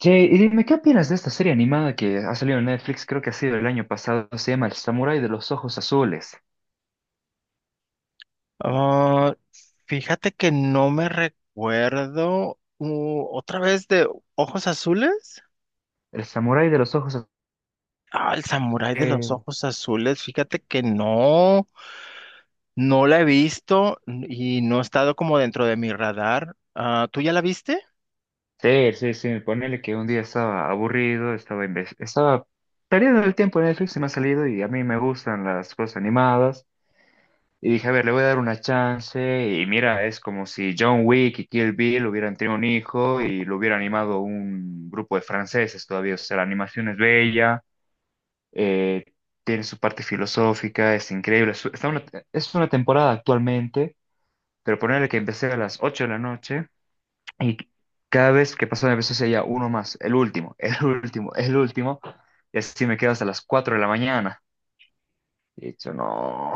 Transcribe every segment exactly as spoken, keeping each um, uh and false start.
Che, y dime, ¿qué opinas de esta serie animada que ha salido en Netflix? Creo que ha sido el año pasado. Se llama El Samurái de los Ojos Azules. Ah, fíjate que no me recuerdo uh, otra vez de Ojos Azules. El Samurái de los Ojos Ah, el samurái de los Azules. ojos azules. Fíjate que no, no la he visto y no ha estado como dentro de mi radar. Ah, ¿tú ya la viste? Sí, sí, sí. Ponele que un día estaba aburrido, estaba, inves- estaba perdiendo el tiempo en Netflix y me ha salido y a mí me gustan las cosas animadas. Y dije, a ver, le voy a dar una chance. Y mira, es como si John Wick y Kill Bill hubieran tenido un hijo y lo hubiera animado un grupo de franceses todavía. O sea, la animación es bella. eh, Tiene su parte filosófica, es increíble. Su- Está una, es una temporada actualmente, pero ponerle que empecé a las ocho de la noche y cada vez que pasaba empecé ya uno más, el último, el último, el último, y así me quedo hasta las cuatro de la mañana. Y he dicho, no,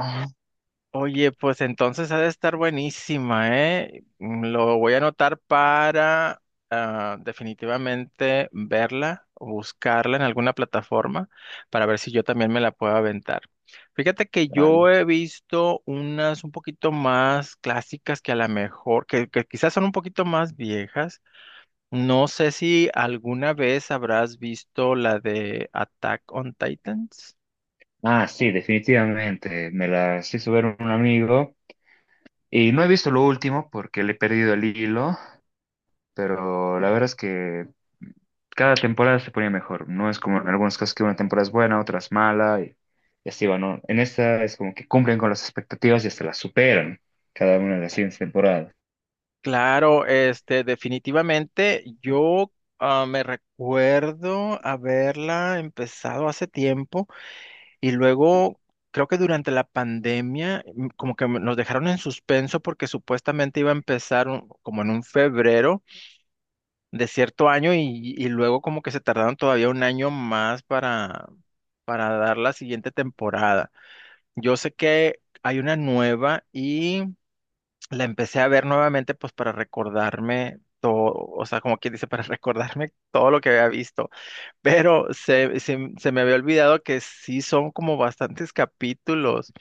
Oye, pues entonces ha de estar buenísima, ¿eh? Mm, Lo voy a anotar para ah, definitivamente verla, o buscarla en alguna plataforma para ver si yo también me la puedo aventar. Fíjate que yo dale. he visto unas un poquito más clásicas que a lo mejor, que, que quizás son un poquito más viejas. No sé si alguna vez habrás visto la de Attack on Titans. Ah, sí, definitivamente. Me las hizo ver un amigo y no he visto lo último porque le he perdido el hilo. Pero la verdad es que cada temporada se ponía mejor. No es como en algunos casos que una temporada es buena, otras mala, y, y así va, ¿no? En esta es como que cumplen con las expectativas y hasta las superan cada una de las siguientes temporadas. Claro, este, definitivamente yo ah, me recuerdo haberla empezado hace tiempo y luego creo que durante la pandemia mm, como que me- nos dejaron en suspenso porque supuestamente iba a empezar un- como en un febrero de cierto año y, y luego como que se tardaron todavía un año más para, para dar la siguiente temporada. Yo sé que hay una nueva, la empecé a ver nuevamente pues para recordarme todo, o sea, como quien dice, para recordarme todo lo que había visto, pero se, se, se me había olvidado que sí son como bastantes capítulos.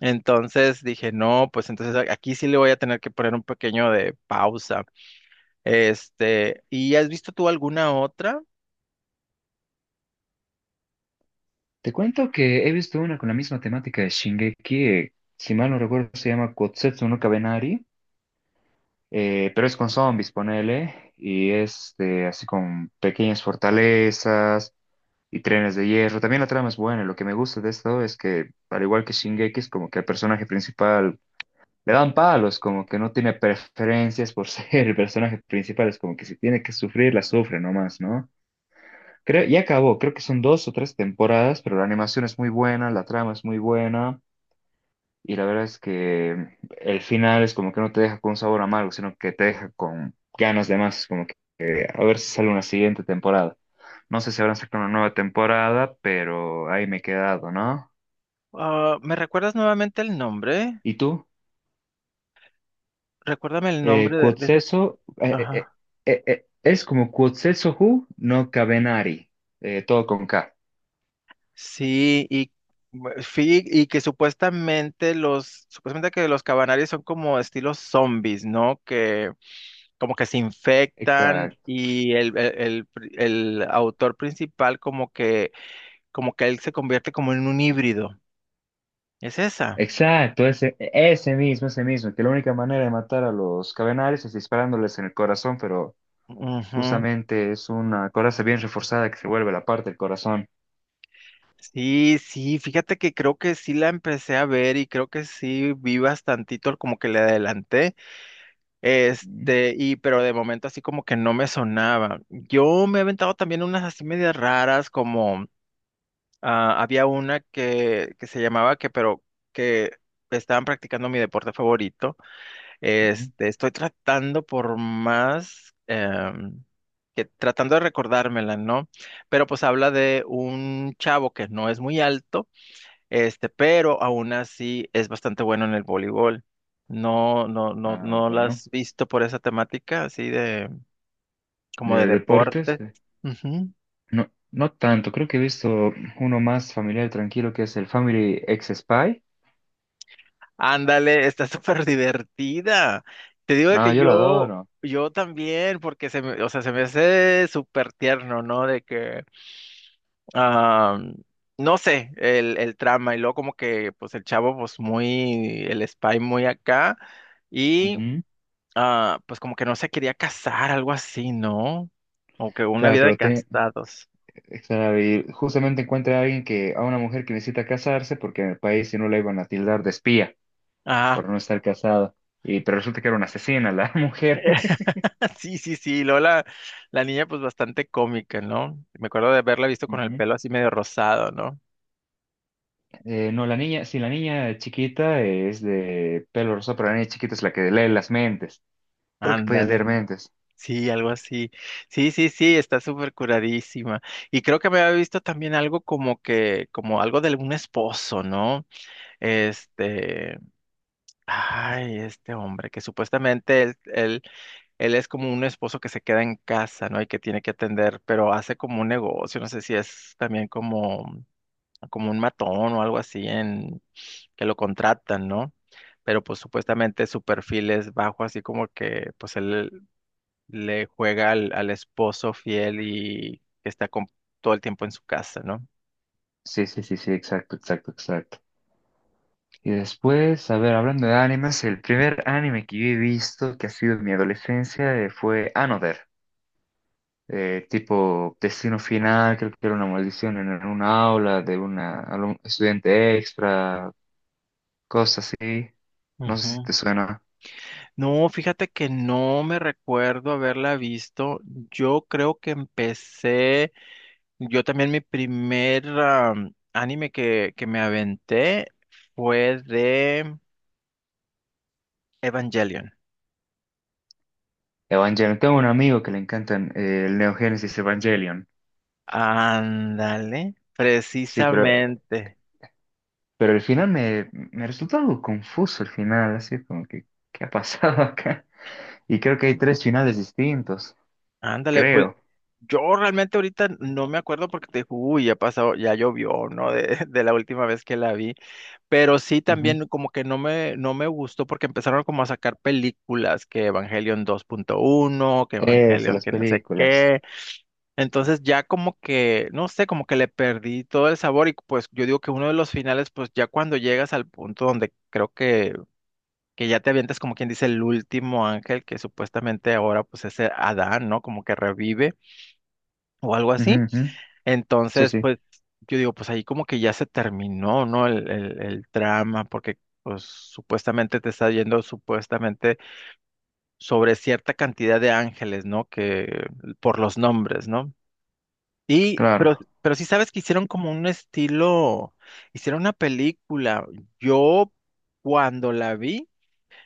Entonces dije, no, pues entonces a- aquí sí le voy a tener que poner un pequeño de pausa. Este, ¿y has visto tú alguna otra? Te cuento que he visto una con la misma temática de Shingeki, eh, si mal no recuerdo se llama Kotsetsu no Kabenari, eh, pero es con zombies, ponele, y es de, así con pequeñas fortalezas, y Trenes de Hierro. También la trama es buena. Lo que me gusta de esto es que, al igual que Shingeki, es como que al personaje principal le dan palos, como que no tiene preferencias por ser el personaje principal. Es como que si tiene que sufrir, la sufre nomás, ¿no? Creo, ya acabó, creo que son dos o tres temporadas, pero la animación es muy buena, la trama es muy buena. Y la verdad es que el final es como que no te deja con un sabor amargo, sino que te deja con ganas de más, como que eh, a ver si sale una siguiente temporada. No sé si habrán sacado una nueva temporada, pero ahí me he quedado, ¿no? Ah, ¿me recuerdas nuevamente el nombre? ¿Y tú? Recuérdame el Eh, nombre de, de esas. Quotzeso, eh, eh, eh, eh, eh, es como Quotzeso Who, no Cabenari, eh, todo con K. Sí, y, bu- sí, y que supuestamente los, supuestamente que los cabanarios son como estilos zombies, ¿no? Que como que se infectan Exacto. y el, el, el pri- el autor principal como que, como que él se convierte como en un híbrido. ¿Es esa? Exacto, ese, ese mismo, ese mismo, que la única manera de matar a los Cabenaris es disparándoles en el corazón, pero Ujú. justamente es una coraza bien reforzada que se vuelve la parte del corazón. Sí, sí, fíjate que creo que sí la empecé a ver y creo que sí vi bastantito, como que le adelanté. Ujú, Este, y pero de momento así como que no me sonaba. Yo me he aventado también unas así medias raras, como ah, había una que, que se llamaba que, pero que estaban practicando mi deporte favorito. ujú. Este, estoy tratando por más em, que tratando de recordármela, ¿no? Pero pues habla de un chavo que no es muy alto, este, pero aún así es bastante bueno en el voleibol. No, no, no, Ah, no la bueno. has visto por esa temática, así de, como de De deportes, deportes. eh, Ujú. no, no tanto. Creo que he visto uno más familiar, tranquilo, que es el Family X Spy. Ándale, está súper divertida. Te digo de No, que yo lo yo, adoro. yo también, porque se me, o sea, se me hace súper tierno, ¿no? De que, ah, no sé, el, el trama, y luego como que, pues el chavo, pues muy, el spy muy acá. Y Ujú. ah, pues como que no se quería casar, algo así, ¿no? O que una Claro, vida de pero te- casados. claro, y justamente encuentra a alguien que, a una mujer que necesita casarse porque en el país si no la iban a tildar de espía Ah, por no estar casada. Y, pero resulta que era una asesina la mujer. sí, sí, sí. Luego la, la niña, pues bastante cómica, ¿no? Me acuerdo de haberla visto con el pelo así medio rosado, ¿no? Eh, no, la niña, sí, la niña chiquita es de pelo rosado, pero la niña chiquita es la que lee las mentes. Creo que puede leer Ándale. mentes. Sí, algo así. Sí, sí, sí, está súper curadísima. Y creo que me había visto también algo como que, como algo de algún esposo, ¿no? Este, ay, este hombre, que supuestamente él, él él es como un esposo que se queda en casa, ¿no? Y que tiene que atender, pero hace como un negocio, no sé si es también como, como un matón o algo así en que lo contratan, ¿no? Pero pues supuestamente su perfil es bajo, así como que pues él le juega al, al esposo fiel y que está con- todo el tiempo en su casa, ¿no? Sí, sí, sí, sí, exacto, exacto, exacto. Y después, a ver, hablando de animes, el primer anime que yo he visto que ha sido en mi adolescencia eh, fue Another. Eh, tipo Destino Final, creo que era una maldición en en una aula de una alum- estudiante extra, cosas así. No sé si te Ujú. suena. No, fíjate que no me recuerdo haberla visto. Yo creo que empecé. Yo también mi primer am, anime que, que me aventé fue de Evangelion. Evangelion. Tengo un amigo que le encantan eh, el Neo Genesis Evangelion. Ándale, Sí, pero, precisamente. pero el final me, me resultó algo confuso el final, así como que, ¿qué ha pasado acá? Y creo que hay tres finales distintos, Ándale, pues creo. yo realmente ahorita no me acuerdo porque te digo, uy, ya pasado, ya llovió, ¿no? De, de la última vez que la vi. Pero sí Ujú. también como que no me, no me gustó porque empezaron como a sacar películas, que Evangelion dos punto uno, que Esas, Evangelion las que no sé películas. qué. Entonces ya como que, no sé, como que le perdí todo el sabor y pues yo digo que uno de los finales, pues ya cuando llegas al punto donde creo que, que ya te avientas como quien dice el último ángel que supuestamente ahora pues es eh, Adán, ¿no? Como que revive o algo Ujú, así. ujú. Sí, Entonces sí, pues yo digo pues ahí como que ya se terminó, ¿no? El, el, el drama porque pues supuestamente te está yendo supuestamente sobre cierta cantidad de ángeles, ¿no? Que por los nombres, ¿no? Y, pero, claro. pero sí sabes que hicieron como un estilo, hicieron una película. Yo cuando la vi,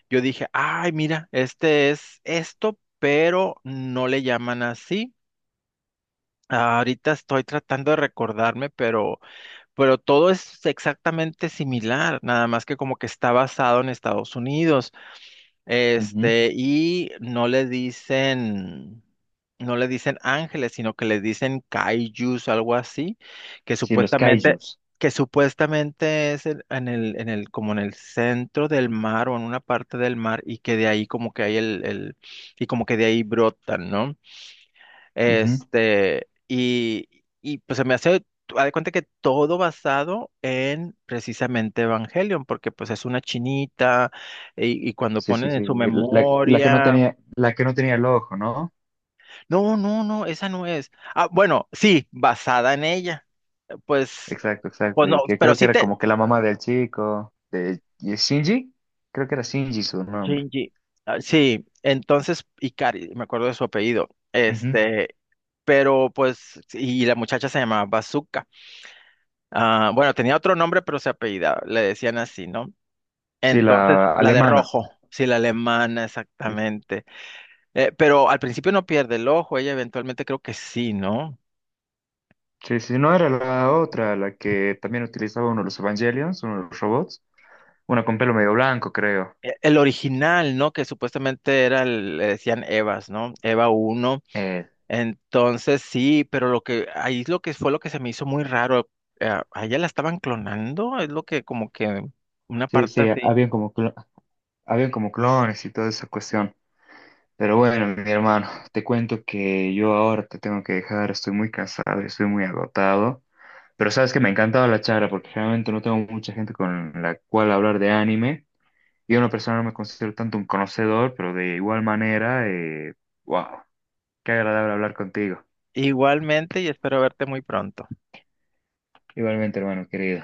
yo dije, ay, mira, este es esto, pero no le llaman así. Ahorita estoy tratando de recordarme, pero, pero todo es exactamente similar, nada más que como que está basado en Estados Unidos. Ujú. Este, y no le dicen, no le dicen ángeles, sino que les dicen kaijus, algo así, que Sí, los supuestamente, kaijus. que supuestamente es en, en el, en el, como en el centro del mar o en una parte del mar, y que de ahí como que hay el, el, y como que de ahí brotan, ¿no? Ujú. Este, y, y pues se me hace, haz de cuenta que todo basado en precisamente Evangelion, porque pues es una chinita y, y cuando Sí, sí, ponen sí. en su La, la que no memoria, tenía, la que no tenía el ojo, ¿no? no, no, no, esa no es. Ah, bueno, sí, basada en ella. Pues, Exacto, pues exacto. no, Y que pero creo que sí era te, como que la mamá del chico, de de Shinji, creo que era Shinji su nombre. Shinji, ah, sí, entonces, Ikari, me acuerdo de su apellido, Ujú. este, pero pues, y la muchacha se llamaba Bazooka. Ah, bueno, tenía otro nombre, pero se apellidaba, le decían así, ¿no? Sí, Entonces, la la de alemana. rojo, sí, la alemana, Sí. exactamente. Eh, pero al principio no pierde el ojo, ella eventualmente creo que sí, ¿no? Sí, sí, no era la otra, la que también utilizaba uno de los Evangelions, uno de los robots, una con pelo medio blanco, creo. E- El original, ¿no? Que supuestamente era, el- le decían Evas, ¿no? Eva uno. Eh, Entonces, sí, pero lo que, ahí es lo que fue lo que se me hizo muy raro. eh, a ella la estaban clonando, es lo que como que una sí, parte sí, así. habían como, clo- habían como clones y toda esa cuestión. Pero bueno, mi hermano, te cuento que yo ahora te tengo que dejar, estoy muy cansado, estoy muy agotado. Pero sabes que me encantaba la charla porque realmente no tengo mucha gente con la cual hablar de anime. Yo en lo personal no me considero tanto un conocedor, pero de igual manera, eh, wow, qué agradable hablar contigo. Igualmente y espero verte muy pronto. Igualmente, hermano querido.